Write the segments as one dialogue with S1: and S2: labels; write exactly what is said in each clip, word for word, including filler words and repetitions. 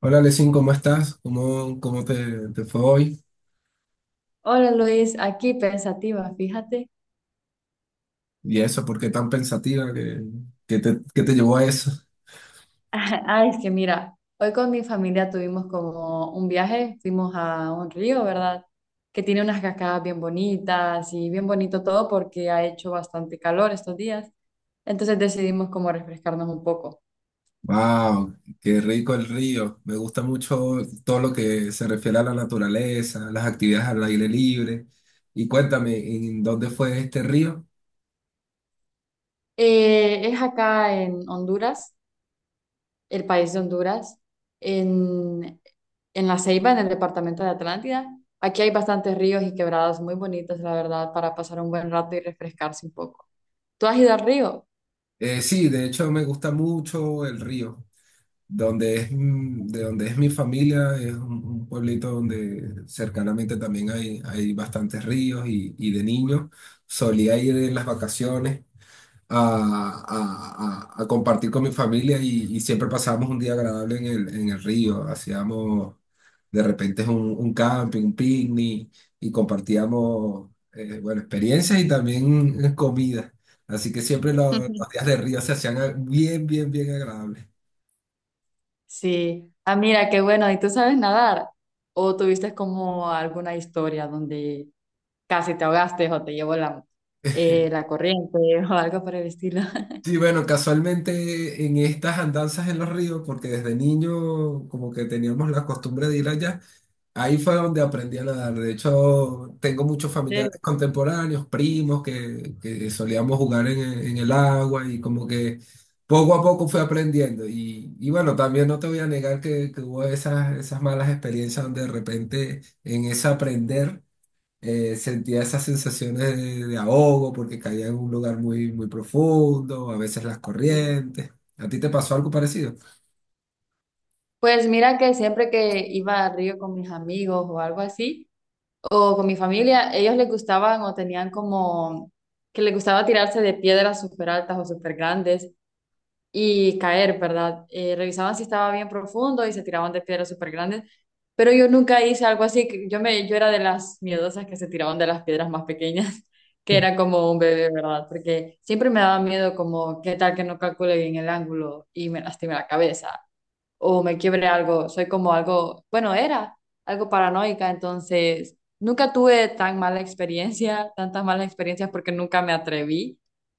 S1: Hola, Lesin, ¿cómo estás? ¿Cómo, cómo te, ¿te fue hoy?
S2: Hola Luis, aquí pensativa, fíjate.
S1: ¿Y eso? ¿Por qué tan pensativa? ¿Qué, qué te, ¿qué te llevó a eso?
S2: Ah, es que mira, hoy con mi familia tuvimos como un viaje, fuimos a un río, ¿verdad? Que tiene unas cascadas bien bonitas y bien bonito todo porque ha hecho bastante calor estos días. Entonces decidimos como refrescarnos un poco.
S1: ¡Wow! ¡Qué rico el río! Me gusta mucho todo lo que se refiere a la naturaleza, las actividades al aire libre. Y cuéntame, ¿en dónde fue este río?
S2: Eh, es acá en Honduras, el país de Honduras, en, en La Ceiba, en el departamento de Atlántida. Aquí hay bastantes ríos y quebradas muy bonitas, la verdad, para pasar un buen rato y refrescarse un poco. ¿Tú has ido al río?
S1: Eh, sí, de hecho me gusta mucho el río. Donde es, mm, de donde es mi familia, es un, un pueblito donde cercanamente también hay, hay bastantes ríos y, y de niños solía ir en las vacaciones a, a- a- a compartir con mi familia y, y siempre pasábamos un día agradable en el, en el río. Hacíamos de repente un, un camping, un picnic y compartíamos, eh, bueno, experiencias y también eh, comida. Así que siempre lo- los días de río se hacían eh, bien, bien, bien agradables.
S2: Sí. Ah, mira, qué bueno. ¿Y tú sabes nadar? ¿O tuviste como alguna historia donde casi te ahogaste o te llevó la, eh, la corriente o algo por el estilo?
S1: Sí, bueno, casualmente en estas andanzas en los ríos, porque desde niño como que teníamos la costumbre de ir allá, ahí fue donde aprendí a nadar. De hecho, tengo muchos
S2: ¿En
S1: familiares
S2: serio?
S1: contemporáneos, primos, que, que solíamos jugar en, en el agua y como que poco a poco fui aprendiendo. Y, y bueno, también no te voy a negar que, que hubo esas, esas malas experiencias donde de repente en ese aprender eh, sentía esas sensaciones de, de ahogo porque caía en un lugar muy, muy profundo, a veces las
S2: Mm.
S1: corrientes. ¿A ti te pasó algo parecido?
S2: Pues mira que siempre que iba al río con mis amigos o algo así, o con mi familia, ellos les gustaban o tenían como que les gustaba tirarse de piedras súper altas o súper grandes y caer, ¿verdad? Eh, revisaban si estaba bien profundo y se tiraban de piedras súper grandes, pero yo nunca hice algo así, que yo, me, yo era de las miedosas que se tiraban de las piedras más pequeñas, que era como un bebé, ¿verdad? Porque siempre me daba miedo como, ¿qué tal que no calcule bien el ángulo y me lastime la cabeza o me quiebre algo? Soy como algo, bueno, era algo paranoica, entonces nunca tuve tan mala experiencia, tantas malas experiencias porque nunca me atreví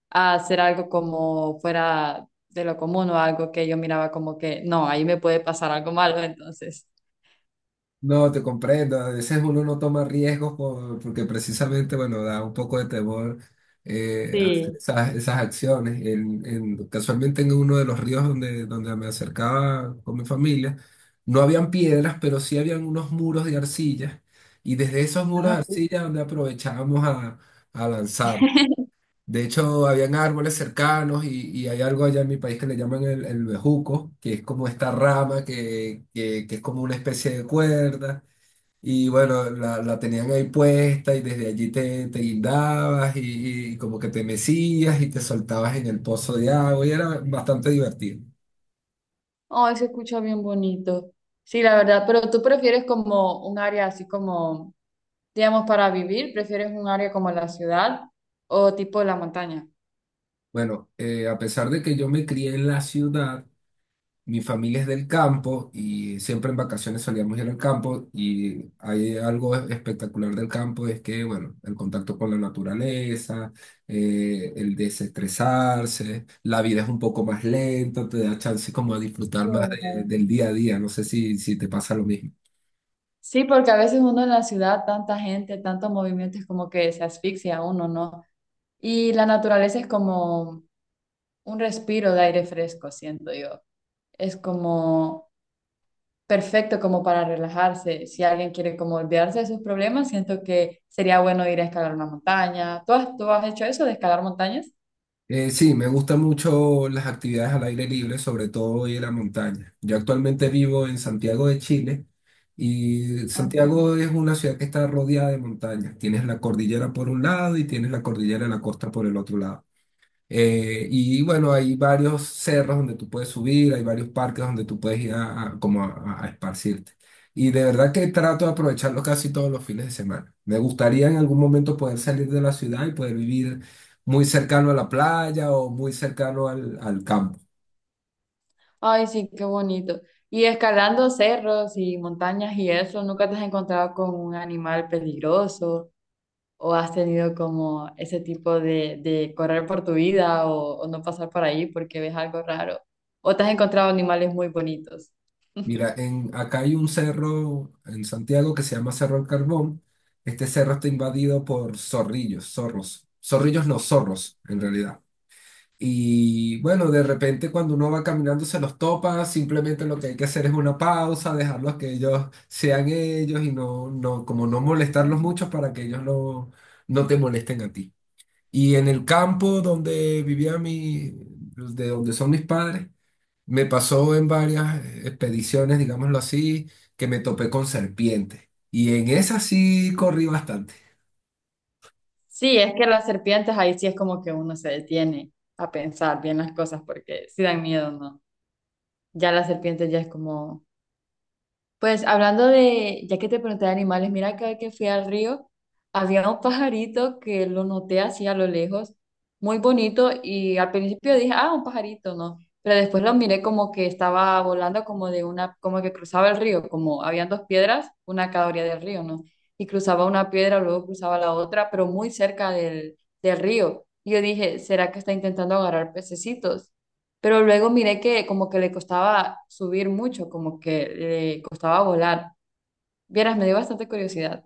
S2: a hacer algo como fuera de lo común o algo que yo miraba como que, no, ahí me puede pasar algo malo, entonces.
S1: No, te comprendo. A veces uno no toma riesgos por- porque precisamente, bueno, da un poco de temor eh, hacer
S2: Sí.
S1: esas, esas acciones. En, en- casualmente en uno de los ríos donde, donde me acercaba con mi familia, no habían piedras, pero sí habían unos muros de arcilla. Y desde esos muros
S2: Ah,
S1: de
S2: sí.
S1: arcilla donde aprovechábamos a, a lanzarnos. De hecho, habían árboles cercanos y, y hay algo allá en mi país que le llaman el, el bejuco, que es como esta rama que, que- que es como una especie de cuerda. Y bueno, la, la tenían ahí puesta y desde allí te, te guindabas y, y como que te mecías y te soltabas en el pozo de agua y era bastante divertido.
S2: Oh, se escucha bien bonito. Sí, la verdad, pero tú prefieres como un área así como, digamos, para vivir, ¿prefieres un área como la ciudad o tipo la montaña?
S1: Bueno, eh, a pesar de que yo me crié en la ciudad, mi familia es del campo y siempre en vacaciones solíamos ir al campo y hay algo espectacular del campo, es que, bueno, el contacto con la naturaleza, eh, el desestresarse, la vida es un poco más lenta, te da chance como a disfrutar
S2: Sí.
S1: más de- del día a día, no sé si, si te pasa lo mismo.
S2: Sí, porque a veces uno en la ciudad, tanta gente, tanto movimiento, es como que se asfixia uno, ¿no? Y la naturaleza es como un respiro de aire fresco, siento yo. Es como perfecto como para relajarse. Si alguien quiere como olvidarse de sus problemas, siento que sería bueno ir a escalar una montaña. ¿Tú has, tú has hecho eso de escalar montañas?
S1: Eh, sí, me gustan mucho las actividades al aire libre, sobre todo y en la montaña. Yo actualmente vivo en Santiago de Chile y
S2: Ah.
S1: Santiago es una ciudad que está rodeada de montañas. Tienes la cordillera por un lado y tienes la cordillera de la costa por el otro lado. Eh, y bueno, hay varios cerros donde tú puedes subir, hay varios parques donde tú puedes ir a, a- como a, a esparcirte. Y de verdad que trato de aprovecharlo casi todos los fines de semana. Me gustaría en algún momento poder salir de la ciudad y poder vivir muy cercano a la playa o muy cercano al, al campo.
S2: Ay, sí, qué bonito. Y escalando cerros y montañas y eso, ¿nunca te has encontrado con un animal peligroso, o has tenido como ese tipo de, de correr por tu vida, o, o no pasar por ahí porque ves algo raro, o te has encontrado animales muy bonitos?
S1: Mira, en, acá hay un cerro en Santiago que se llama Cerro del Carbón. Este cerro está invadido por zorrillos, zorros. Zorrillos no, zorros, en realidad. Y bueno, de repente cuando uno va caminando se los topa, simplemente lo que hay que hacer es una pausa, dejarlos que ellos sean ellos y no, no, como no molestarlos mucho para que ellos no, no te molesten a ti. Y en el campo donde vivía mi, de donde son mis padres, me pasó en varias expediciones, digámoslo así, que me topé con serpientes. Y en esas sí corrí bastante.
S2: Sí, es que las serpientes ahí sí es como que uno se detiene a pensar bien las cosas porque sí dan miedo, ¿no? Ya las serpientes ya es como... Pues hablando de, ya que te pregunté de animales, mira cada vez que fui al río, había un pajarito que lo noté así a lo lejos, muy bonito, y al principio dije, ah, un pajarito, ¿no? Pero después lo miré como que estaba volando como de una, como que cruzaba el río, como habían dos piedras, una a cada orilla del río, ¿no? Y cruzaba una piedra, luego cruzaba la otra, pero muy cerca del, del río. Y yo dije, ¿será que está intentando agarrar pececitos? Pero luego miré que como que le costaba subir mucho, como que le costaba volar. Vieras, me dio bastante curiosidad.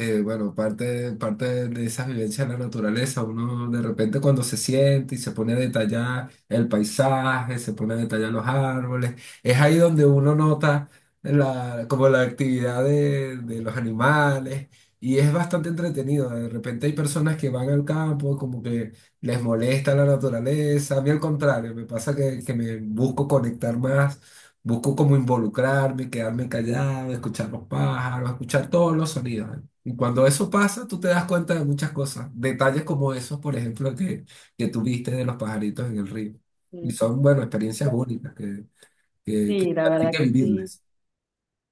S1: Eh, bueno, parte, parte de esa vivencia de la naturaleza, uno de repente cuando se siente y se pone a detallar el paisaje, se pone a detallar los árboles, es ahí donde uno nota la, como la actividad de, de los animales y es bastante entretenido. De repente hay personas que van al campo, como que les molesta la naturaleza, a mí al contrario, me pasa que, que me busco conectar más. Busco como involucrarme, quedarme callado, escuchar los pájaros, escuchar todos los sonidos. Y cuando eso pasa, tú te das cuenta de muchas cosas. Detalles como esos, por ejemplo, que, que tuviste de los pajaritos en el río. Y
S2: Mm.
S1: son, bueno, experiencias únicas que, que- que
S2: Sí, la
S1: hay
S2: verdad que
S1: que
S2: sí.
S1: vivirlas.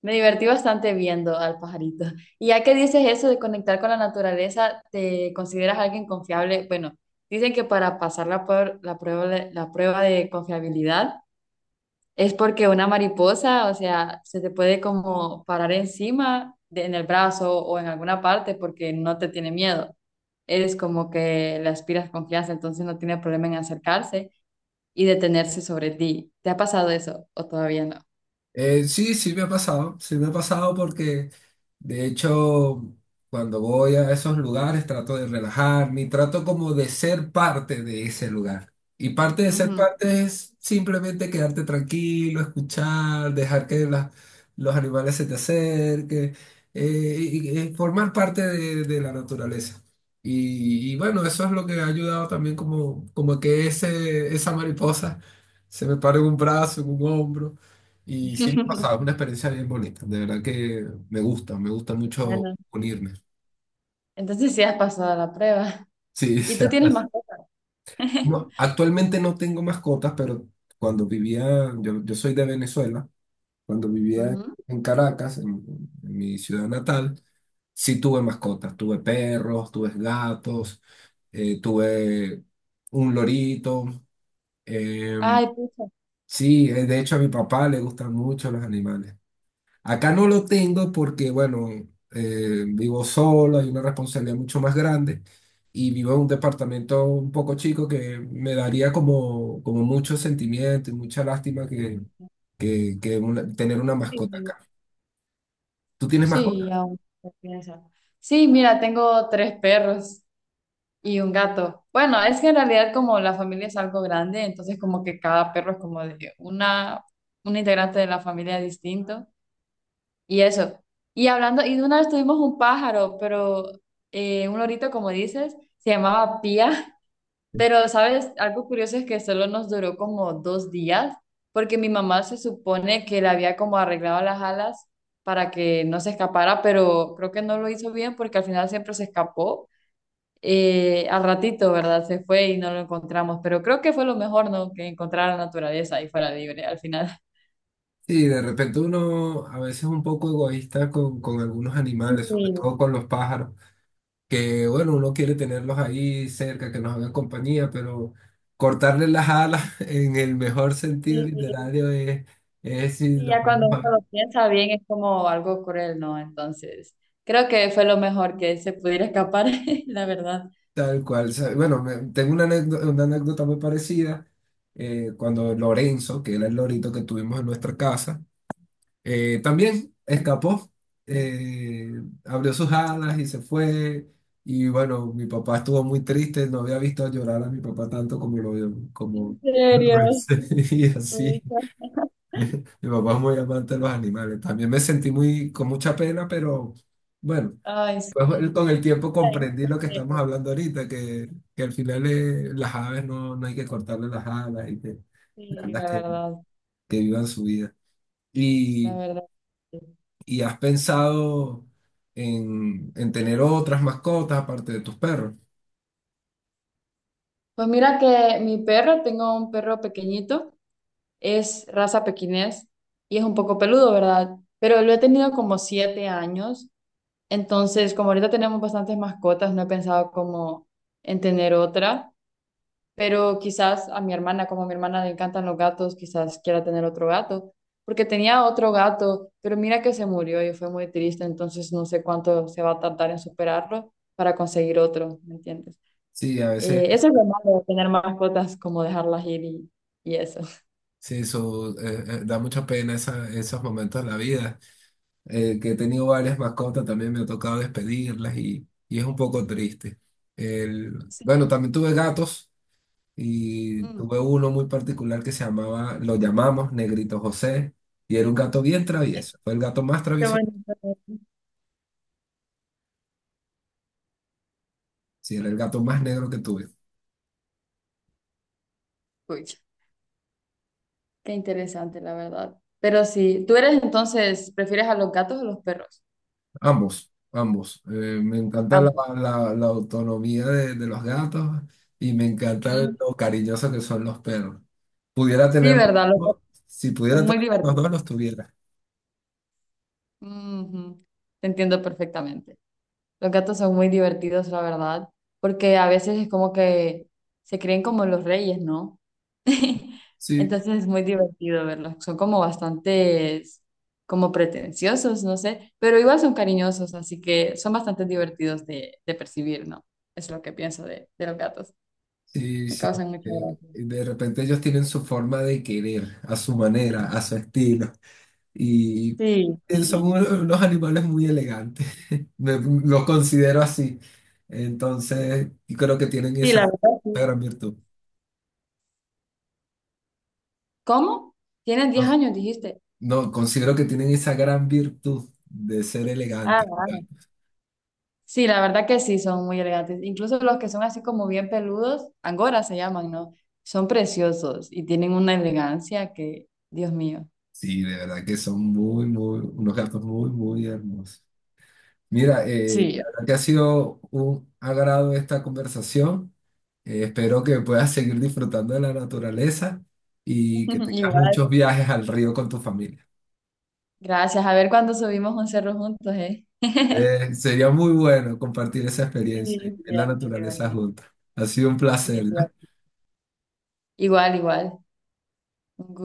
S2: Me divertí bastante viendo al pajarito. Y ya que dices eso de conectar con la naturaleza, ¿te consideras alguien confiable? Bueno, dicen que para pasar la, puer- la prueba, de- la prueba de confiabilidad es porque una mariposa, o sea, se te puede como parar encima de- en el brazo o en alguna parte porque no te tiene miedo. Eres como que le aspiras confianza, entonces no tiene problema en acercarse y detenerse sobre ti. ¿Te ha pasado eso o todavía no?
S1: Eh, sí, sí me ha pasado. Sí me ha pasado porque de hecho, cuando voy a esos lugares trato de relajarme y trato como de ser parte de ese lugar. Y parte de ser
S2: Ujú.
S1: parte es simplemente quedarte tranquilo, escuchar, dejar que las- los animales se te acerquen, eh, y, y- y formar parte de, de la naturaleza. Y, y bueno, eso es lo que ha ayudado también como, como que ese, esa mariposa se me pare en un brazo, en un hombro. Y sí me pasaba, una experiencia bien bonita, de verdad que me gusta, me gusta mucho
S2: Bueno,
S1: unirme.
S2: entonces sí has pasado la prueba.
S1: Sí, o
S2: ¿Y tú
S1: sea,
S2: tienes más cosas?
S1: no, actualmente no tengo mascotas, pero cuando vivía, yo, yo soy de Venezuela, cuando vivía
S2: Ujú.
S1: en Caracas, en, en mi ciudad natal, sí tuve mascotas, tuve perros, tuve gatos, eh, tuve un lorito, eh,
S2: Ay, pucha.
S1: sí, eh, de hecho a mi papá le gustan mucho los animales. Acá no lo tengo porque, bueno, eh, vivo solo, hay una responsabilidad mucho más grande y vivo en un departamento un poco chico que me daría como, como mucho sentimiento y mucha lástima que, que, que una- tener una
S2: Sí,
S1: mascota acá. ¿Tú tienes mascota?
S2: sí, aún se piensa. Sí, mira, tengo tres perros. Y un gato. Bueno, es que en realidad como la familia es algo grande, entonces como que cada perro es como de una, un integrante de la familia distinto. Y eso. Y hablando, y de una vez tuvimos un pájaro, pero eh, un lorito, como dices, se llamaba Pía. Pero, ¿sabes? Algo curioso es que solo nos duró como dos días, porque mi mamá se supone que le había como arreglado las alas para que no se escapara, pero creo que no lo hizo bien porque al final siempre se escapó eh, al ratito, ¿verdad? Se fue y no lo encontramos, pero creo que fue lo mejor, ¿no? Que encontrara la naturaleza y fuera libre al final.
S1: Sí, de repente uno a veces es un poco egoísta con, con algunos
S2: Sí,
S1: animales, sobre todo con los pájaros. Que bueno, uno quiere tenerlos ahí cerca, que nos hagan compañía, pero cortarle las alas en el mejor sentido
S2: sí,
S1: literario es, es si
S2: sí,
S1: los
S2: ya cuando
S1: vamos
S2: uno
S1: a ver
S2: lo piensa bien es como... algo cruel, ¿no? Entonces, creo que fue lo mejor que se pudiera escapar, la verdad.
S1: tal cual. O sea, bueno, me- tengo una anécdota, una anécdota muy parecida eh, cuando Lorenzo, que era el lorito que tuvimos en nuestra casa, Eh, también escapó, eh, abrió sus
S2: Pucha.
S1: alas y se fue. Y bueno, mi papá estuvo muy triste, no había visto llorar a mi papá tanto como lo,
S2: En
S1: como lo
S2: serio,
S1: hice. Y así,
S2: pucha.
S1: mi papá es muy amante de los animales. También me sentí muy, con mucha pena, pero bueno,
S2: Ay,
S1: pues,
S2: sí,
S1: con el tiempo
S2: ya
S1: comprendí lo que estamos
S2: sí,
S1: hablando ahorita, que, que al final eh, las aves no, no hay que cortarle las alas y que,
S2: sí,
S1: las
S2: la
S1: que,
S2: verdad,
S1: que vivan su vida.
S2: la verdad. Sí.
S1: ¿Y has pensado en, en tener otras mascotas aparte de tus perros?
S2: Pues mira que mi perro, tengo un perro pequeñito, es raza pequinés y es un poco peludo, ¿verdad? Pero lo he tenido como siete años, entonces como ahorita tenemos bastantes mascotas, no he pensado como en tener otra, pero quizás a mi hermana, como a mi hermana le encantan los gatos, quizás quiera tener otro gato, porque tenía otro gato, pero mira que se murió y fue muy triste, entonces no sé cuánto se va a tardar en superarlo para conseguir otro, ¿me entiendes?
S1: Sí, a veces
S2: Eh, eso es lo malo de tener mascotas, como dejarlas ir y, y eso.
S1: sí, eso eh, eh, da mucha pena esa- esos momentos de la vida. Eh, que he tenido varias mascotas, también me ha tocado despedirlas y, y es un poco triste. El,
S2: Sí.
S1: bueno, también tuve gatos y
S2: Mm.
S1: tuve uno muy particular que se llamaba, lo llamamos Negrito José y era un gato bien travieso. Fue el gato más
S2: Qué
S1: travieso,
S2: bonito.
S1: sí, era el gato más negro que tuve.
S2: Pucha, qué interesante, la verdad. Pero sí, tú eres entonces, ¿prefieres a los gatos o los perros?
S1: Ambos, ambos. Eh, me encanta la,
S2: Ambos.
S1: la- la autonomía de, de los gatos y me encanta
S2: Mm.
S1: lo cariñosos que son los perros. Pudiera
S2: Sí,
S1: tener,
S2: ¿verdad? Los gatos
S1: si pudiera
S2: son muy
S1: tener los dos,
S2: divertidos.
S1: los tuviera.
S2: Ujú. Te entiendo perfectamente. Los gatos son muy divertidos, la verdad, porque a veces es como que se creen como los reyes, ¿no?
S1: Sí,
S2: Entonces es muy divertido verlos. Son como bastantes, como pretenciosos, no sé, pero igual son cariñosos, así que son bastante divertidos de, de percibir, ¿no? Es lo que pienso de, de los gatos.
S1: sí,
S2: Me
S1: sí.
S2: causan mucha
S1: Eh,
S2: gracia.
S1: y de repente ellos tienen su forma de querer, a su manera, a su estilo. Y
S2: Sí,
S1: son
S2: sí.
S1: unos, unos animales muy elegantes. Me- los considero así. Entonces, y creo que tienen
S2: Sí, la
S1: esa
S2: verdad,
S1: esa
S2: sí.
S1: gran virtud.
S2: ¿Cómo? Tienes diez años, dijiste.
S1: No, considero que tienen esa gran virtud de ser elegantes.
S2: Ah. Sí, la verdad que sí, son muy elegantes. Incluso los que son así como bien peludos, angora se llaman, ¿no? Son preciosos y tienen una elegancia que, Dios mío.
S1: Sí, de verdad que son muy, muy, unos gatos muy, muy hermosos. Mira, eh, de
S2: Sí.
S1: verdad que ha sido un agrado esta conversación. Eh, espero que puedas seguir disfrutando de la naturaleza y que tengas
S2: Igual.
S1: muchos viajes al río con tu familia.
S2: Gracias. A ver cuándo subimos un cerro juntos, ¿eh?
S1: Eh, sería muy bueno compartir esa
S2: Sí,
S1: experiencia y ver
S2: sí,
S1: la
S2: es muy
S1: naturaleza
S2: divertido.
S1: juntos. Ha sido un placer, ¿no?
S2: Definitivamente. Igual, igual. Un